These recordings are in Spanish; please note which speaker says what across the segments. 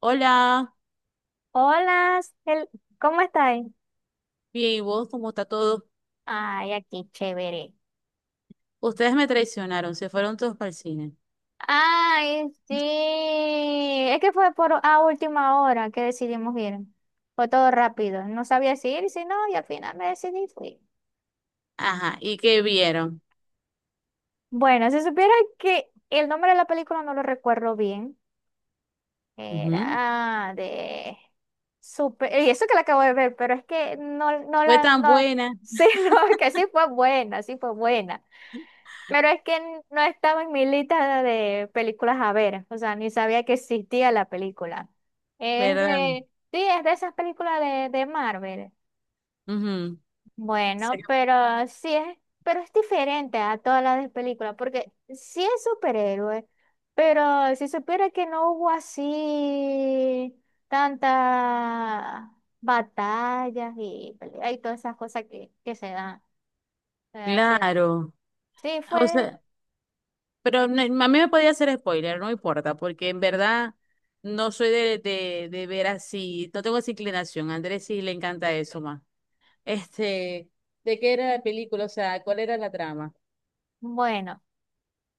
Speaker 1: Hola,
Speaker 2: Hola, Cel- ¿cómo estáis?
Speaker 1: bien, ¿y vos cómo está todo?
Speaker 2: Ay, aquí chévere.
Speaker 1: Ustedes me traicionaron, se fueron todos para el cine.
Speaker 2: Ay, sí. Es que fue por a última hora que decidimos ir. Fue todo rápido. No sabía si ir, si no, y al final me decidí y fui.
Speaker 1: Ajá, ¿y qué vieron?
Speaker 2: Bueno, si supiera que el nombre de la película no lo recuerdo bien,
Speaker 1: Ujú.
Speaker 2: era de super, y eso que la acabo de ver, pero es que no, no
Speaker 1: Fue
Speaker 2: la,
Speaker 1: tan
Speaker 2: no,
Speaker 1: buena,
Speaker 2: sí, no, es que sí fue buena, sí fue buena. Pero es que no estaba en mi lista de películas a ver, o sea, ni sabía que existía la película. Es
Speaker 1: ¿verdad?
Speaker 2: de, sí, es de esas películas de Marvel.
Speaker 1: Ujú. Sí.
Speaker 2: Bueno, pero sí es, pero es diferente a todas las de películas, porque sí es superhéroe, pero si supiera que no hubo así tantas batallas y hay todas esas cosas que se dan. O sea, sí,
Speaker 1: Claro.
Speaker 2: sí
Speaker 1: O
Speaker 2: fue.
Speaker 1: sea, pero a mí me podía hacer spoiler, no importa, porque en verdad no soy de ver así, no tengo esa inclinación. A Andrés sí le encanta eso más. Este, ¿De qué era la película? O sea, ¿cuál era la trama?
Speaker 2: Bueno,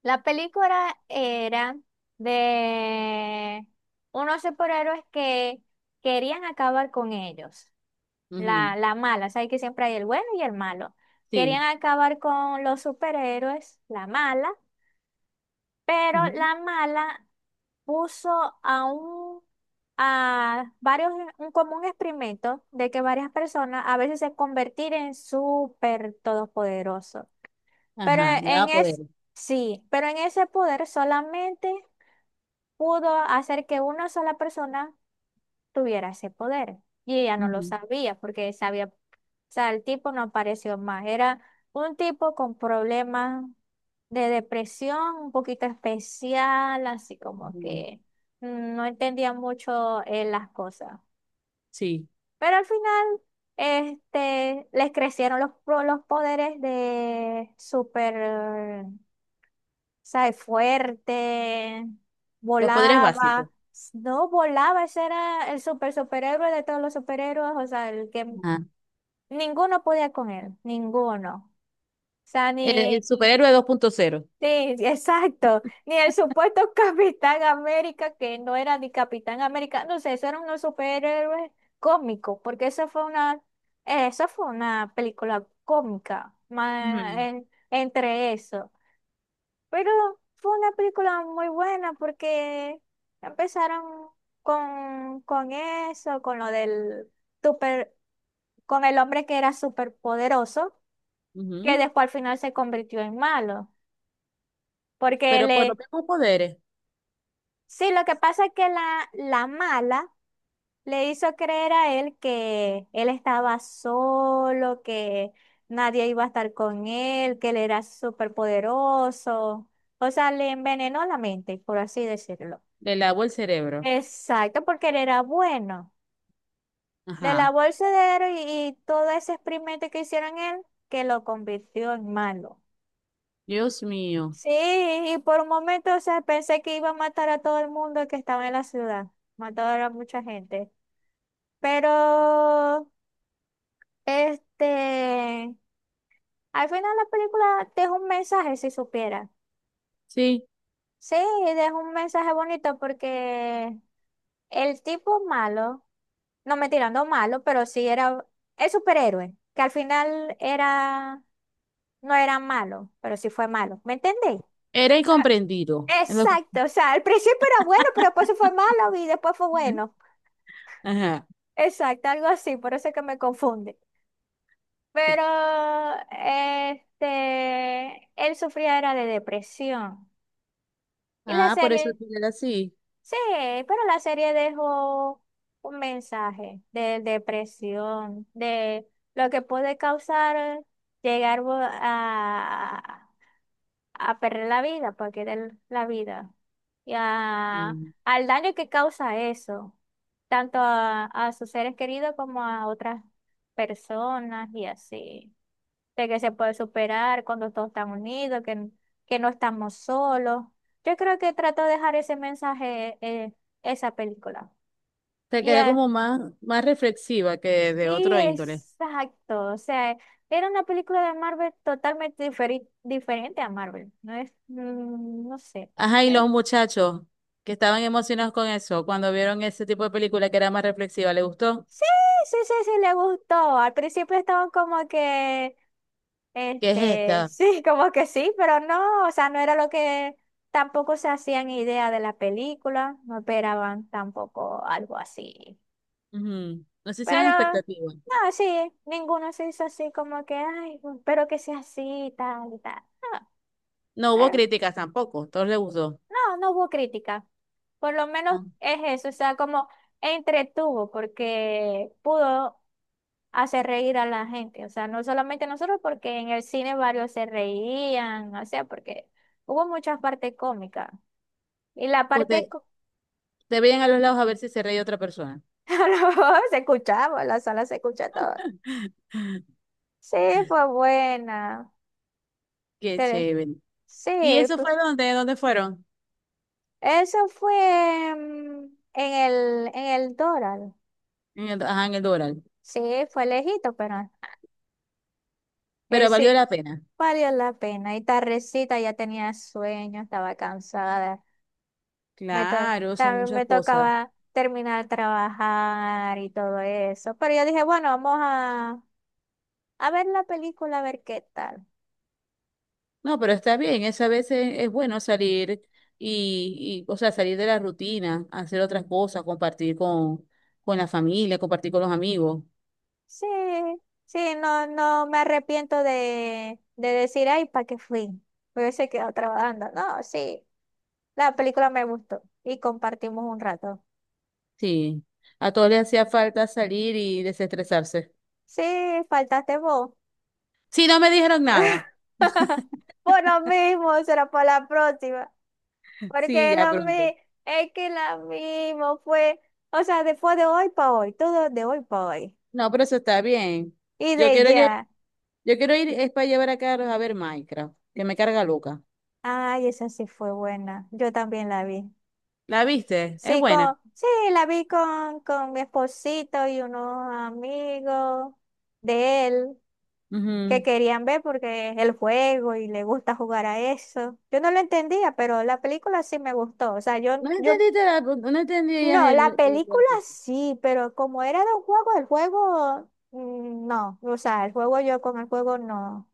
Speaker 2: la película era de unos superhéroes que querían acabar con ellos. La,
Speaker 1: Ujú.
Speaker 2: la mala, sabes que siempre hay el bueno y el malo. Querían
Speaker 1: Sí.
Speaker 2: acabar con los superhéroes, la mala, pero
Speaker 1: Ujú.
Speaker 2: la mala puso a un a varios un común experimento de que varias personas a veces se convertir en súper todopoderosos. Pero
Speaker 1: Ajá, le
Speaker 2: en
Speaker 1: daba poder.
Speaker 2: es, sí, pero en ese poder solamente pudo hacer que una sola persona tuviera ese poder. Y ella no lo
Speaker 1: Ujú.
Speaker 2: sabía porque sabía, o sea, el tipo no apareció más. Era un tipo con problemas de depresión, un poquito especial, así como
Speaker 1: Ujú.
Speaker 2: que no entendía mucho las cosas.
Speaker 1: Sí,
Speaker 2: Pero al final, les crecieron los, los poderes de super sea, fuerte,
Speaker 1: los poderes básicos.
Speaker 2: volaba. No volaba, ese era el super superhéroe de todos los superhéroes, o sea, el que
Speaker 1: Ah,
Speaker 2: ninguno podía con él, ninguno. O sea,
Speaker 1: el
Speaker 2: ni,
Speaker 1: superhéroe dos punto cero,
Speaker 2: sí, sí, exacto, ni el supuesto Capitán América, que no era ni Capitán América, no sé, eso eran unos superhéroes cómicos, porque eso fue una película cómica,
Speaker 1: ujú.
Speaker 2: entre eso. Pero fue una película muy buena porque empezaron con eso, con lo del super, con el hombre que era súper poderoso, que
Speaker 1: Ujú.
Speaker 2: después al final se convirtió en malo, porque
Speaker 1: Pero por los
Speaker 2: le...
Speaker 1: mismos poderes,
Speaker 2: Sí, lo que pasa es que la mala le hizo creer a él que él estaba solo, que nadie iba a estar con él, que él era súper poderoso. O sea, le envenenó la mente, por así decirlo.
Speaker 1: le lavó el cerebro.
Speaker 2: Exacto, porque él era bueno. Le
Speaker 1: Ajá.
Speaker 2: lavó el cerebro y todo ese experimento que hicieron él, que lo convirtió en malo.
Speaker 1: Dios mío.
Speaker 2: Sí, y por un momento, o sea, pensé que iba a matar a todo el mundo que estaba en la ciudad. Mató a mucha gente. Pero, este, al final la película deja un mensaje, si supiera.
Speaker 1: Sí,
Speaker 2: Sí, deja un mensaje bonito porque el tipo malo, no me tirando malo, pero sí era, es superhéroe, que al final era, no era malo, pero sí fue malo. ¿Me entendéis?
Speaker 1: era
Speaker 2: Ah,
Speaker 1: incomprendido.
Speaker 2: exacto, o sea, al principio era bueno, pero después se fue malo y después fue bueno.
Speaker 1: Ajá.
Speaker 2: Exacto, algo así, por eso es que me confunde.
Speaker 1: Sí.
Speaker 2: Pero él sufría era de depresión. Y la
Speaker 1: Ah, por eso
Speaker 2: serie,
Speaker 1: tú eres así.
Speaker 2: sí, pero la serie dejó un mensaje de depresión, de lo que puede causar llegar a perder la vida, para querer la vida, y a-
Speaker 1: Mm.
Speaker 2: al daño que causa eso, tanto a sus seres queridos como a otras personas y así, de que se puede superar cuando todos están unidos, que no estamos solos. Yo creo que trato de dejar ese mensaje, esa película.
Speaker 1: Te
Speaker 2: Y
Speaker 1: queda
Speaker 2: eh,
Speaker 1: como más, más reflexiva que de
Speaker 2: Sí,
Speaker 1: otro índole.
Speaker 2: exacto. O sea, era una película de Marvel totalmente diferente a Marvel. No es, no sé.
Speaker 1: Ajá, ¿y
Speaker 2: Eh,
Speaker 1: los muchachos que estaban emocionados con eso, cuando vieron ese tipo de película que era más reflexiva, les gustó?
Speaker 2: Sí, sí, sí, sí, le gustó. Al principio estaban como que,
Speaker 1: ¿Qué es
Speaker 2: este,
Speaker 1: esta?
Speaker 2: sí, como que sí, pero no, o sea, no era lo que tampoco se hacían idea de la película, no esperaban tampoco algo así.
Speaker 1: Ujú. No se hicieron
Speaker 2: Pero,
Speaker 1: expectativas.
Speaker 2: no, sí, ninguno se hizo así como que, ay, espero que sea así y tal y tal. No,
Speaker 1: No hubo
Speaker 2: pero
Speaker 1: críticas tampoco, todos les gustó.
Speaker 2: no, no hubo crítica. Por lo menos
Speaker 1: Ah,
Speaker 2: es eso, o sea, como entretuvo porque pudo hacer reír a la gente, o sea, no solamente nosotros, porque en el cine varios se reían, o sea, porque hubo muchas partes cómicas y la
Speaker 1: Usted, te veían a los lados a ver si se reía otra persona.
Speaker 2: se escuchaba, la sala se escucha todo. Sí, fue buena.
Speaker 1: Qué
Speaker 2: Tele-
Speaker 1: chévere.
Speaker 2: Sí,
Speaker 1: ¿Y eso
Speaker 2: pu-
Speaker 1: fue dónde? ¿Dónde fueron?
Speaker 2: eso fue en el Doral.
Speaker 1: En el, ajá, en el Doral.
Speaker 2: Sí, fue lejito, pero él
Speaker 1: Pero
Speaker 2: sí.
Speaker 1: valió la pena.
Speaker 2: Valió la pena. Y tardecita ya tenía sueño, estaba cansada.
Speaker 1: Claro, son
Speaker 2: También
Speaker 1: muchas
Speaker 2: me
Speaker 1: cosas.
Speaker 2: tocaba terminar de trabajar y todo eso. Pero yo dije, bueno, a ver la película, a ver qué tal.
Speaker 1: No, pero está bien, es a veces es bueno salir o sea, salir de la rutina, hacer otras cosas, compartir con la familia, compartir con los amigos.
Speaker 2: Sí, sí, no, no me arrepiento de decir, ay, ¿para qué fui? Me hubiese quedado trabajando. No, sí, la película me gustó y compartimos un rato.
Speaker 1: Sí, a todos les hacía falta salir y desestresarse.
Speaker 2: Sí, faltaste vos.
Speaker 1: Sí, no me dijeron nada.
Speaker 2: Por lo mismo, será para la próxima.
Speaker 1: Sí,
Speaker 2: Porque
Speaker 1: ya pronto.
Speaker 2: es que lo mismo fue, o sea, después de hoy para hoy, todo de hoy para hoy.
Speaker 1: No, pero eso está bien.
Speaker 2: Y
Speaker 1: Yo
Speaker 2: de
Speaker 1: quiero, lle-
Speaker 2: ya,
Speaker 1: yo quiero ir, es para llevar a Carlos a ver Minecraft, que me carga loca.
Speaker 2: ay, esa sí fue buena, yo también la vi.
Speaker 1: ¿La viste? Es
Speaker 2: Sí,
Speaker 1: buena.
Speaker 2: con, sí, la vi con mi esposito y unos amigos de él que
Speaker 1: Ujú.
Speaker 2: querían ver porque es el juego y le gusta jugar a eso. Yo no lo entendía, pero la película sí me gustó. O sea, yo...
Speaker 1: No entendías
Speaker 2: No,
Speaker 1: el,
Speaker 2: la
Speaker 1: el-
Speaker 2: película sí, pero como era de un juego, el juego no. O sea, el juego yo con el juego no.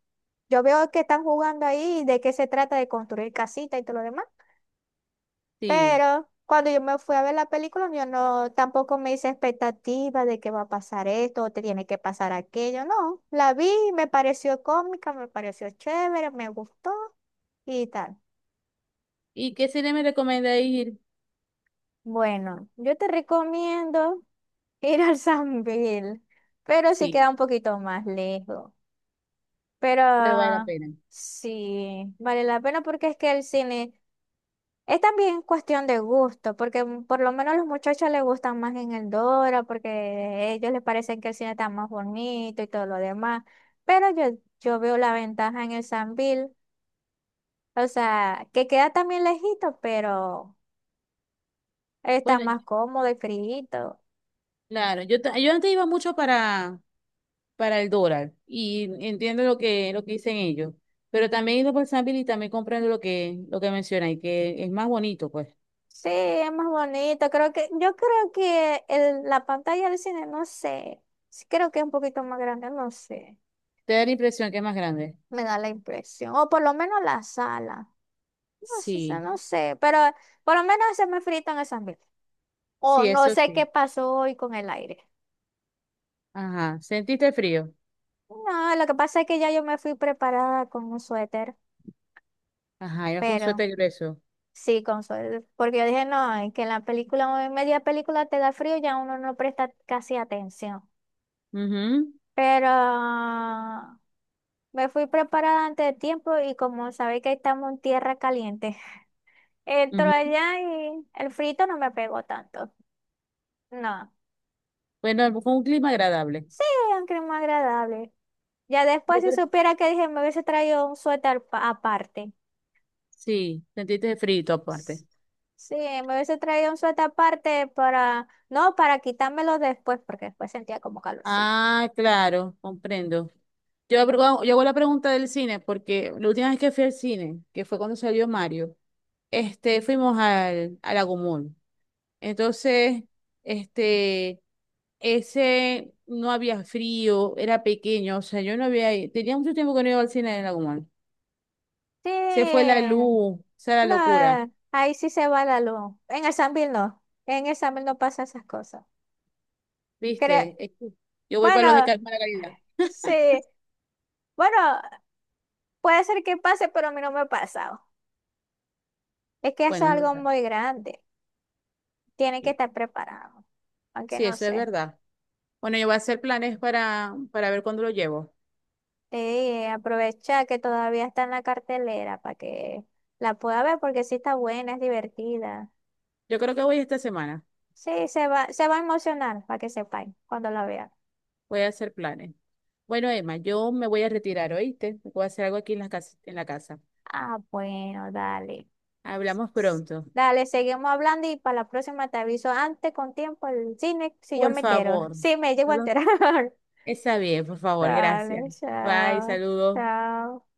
Speaker 2: Yo veo que están jugando ahí de qué se trata de construir casita y todo lo demás.
Speaker 1: Sí.
Speaker 2: Pero cuando yo me fui a ver la película, yo no, tampoco me hice expectativa de que va a pasar esto o te tiene que pasar aquello. No, la vi, me pareció cómica, me pareció chévere, me gustó y tal.
Speaker 1: ¿Y qué cine me recomienda ir?
Speaker 2: Bueno, yo te recomiendo ir al San Bill, pero sí
Speaker 1: Sí,
Speaker 2: queda un poquito más lejos. Pero
Speaker 1: pero vale la
Speaker 2: ah,
Speaker 1: pena.
Speaker 2: sí, vale la pena porque es que el cine es también cuestión de gusto, porque por lo menos a los muchachos les gustan más en el Dora, porque a ellos les parece que el cine está más bonito y todo lo demás. Pero yo veo la ventaja en el Sambil, o sea, que queda también lejito, pero está
Speaker 1: Bueno,
Speaker 2: más cómodo y frío.
Speaker 1: claro, yo antes iba mucho para el dólar y entiendo lo que dicen ellos, pero también he ido por San Bill y también comprendo lo que mencionan y que es más bonito, pues.
Speaker 2: Sí, es más bonito. Creo que, yo creo que la pantalla del cine, no sé. Sí, creo que es un poquito más grande, no sé.
Speaker 1: Te da la impresión que es más grande.
Speaker 2: Me da la impresión. O por lo menos la sala. No sé,
Speaker 1: Sí.
Speaker 2: no sé. Pero por lo menos se me frito en esas mil. O
Speaker 1: Sí,
Speaker 2: no
Speaker 1: eso
Speaker 2: sé qué
Speaker 1: sí.
Speaker 2: pasó hoy con el aire.
Speaker 1: Ajá. ¿Sentiste frío?
Speaker 2: No, lo que pasa es que ya yo me fui preparada con un suéter.
Speaker 1: Ajá, ibas con
Speaker 2: Pero
Speaker 1: suéter grueso.
Speaker 2: sí, con suéter. Porque yo dije, no, es que en la película, en media película te da frío, ya uno no presta casi atención.
Speaker 1: Ujú,
Speaker 2: Pero... Me fui preparada antes de tiempo y como sabéis que estamos en tierra caliente, entro
Speaker 1: ujú.
Speaker 2: allá y el frito no me pegó tanto. No,
Speaker 1: Bueno, fue un clima agradable.
Speaker 2: sí, un clima agradable. Ya después
Speaker 1: Yo
Speaker 2: si
Speaker 1: pre-
Speaker 2: supiera que dije me hubiese traído un suéter aparte.
Speaker 1: Sí, sentiste frío aparte.
Speaker 2: S- Sí, me hubiese traído un suéter aparte para, no, para quitármelo después porque después sentía como calorcito.
Speaker 1: Ah, claro, comprendo. Yo hago la pregunta del cine, porque la última vez que fui al cine, que fue cuando salió Mario, fuimos al Agumón. Entonces, este, ese no había frío, era pequeño, o sea, yo no había, ido- tenía mucho tiempo que no iba al cine en Agumón.
Speaker 2: Sí,
Speaker 1: Se fue la luz, esa es la locura,
Speaker 2: no, ahí sí se va la luz. En el Sambil no, en el Sambil no pasa esas cosas. Creo,
Speaker 1: ¿viste? Es que yo voy para los de
Speaker 2: bueno.
Speaker 1: mala calidad.
Speaker 2: Sí, bueno, puede ser que pase, pero a mí no me ha pasado. Es que es
Speaker 1: Bueno, es
Speaker 2: algo
Speaker 1: verdad.
Speaker 2: muy grande. Tiene que
Speaker 1: Sí,
Speaker 2: estar preparado. Aunque
Speaker 1: sí,
Speaker 2: no
Speaker 1: eso es
Speaker 2: sé.
Speaker 1: verdad. Bueno, yo voy a hacer planes para ver cuándo lo llevo.
Speaker 2: Te dije, aprovecha que todavía está en la cartelera para que la pueda ver porque sí está buena, es divertida.
Speaker 1: Yo creo que voy esta semana.
Speaker 2: Sí, se va a emocionar para que sepáis cuando la vea.
Speaker 1: Voy a hacer planes. Bueno, Emma, yo me voy a retirar, ¿oíste? Voy a hacer algo aquí en la casa, en la casa.
Speaker 2: Ah, bueno, dale.
Speaker 1: Hablamos
Speaker 2: S-
Speaker 1: pronto.
Speaker 2: Dale, seguimos hablando y para la próxima te aviso antes con tiempo el cine si yo
Speaker 1: Por
Speaker 2: me entero.
Speaker 1: favor.
Speaker 2: Sí, me llego
Speaker 1: No
Speaker 2: a
Speaker 1: lo-
Speaker 2: enterar.
Speaker 1: Está bien, por favor, gracias.
Speaker 2: Dale,
Speaker 1: Bye,
Speaker 2: chao.
Speaker 1: saludos.
Speaker 2: Chao.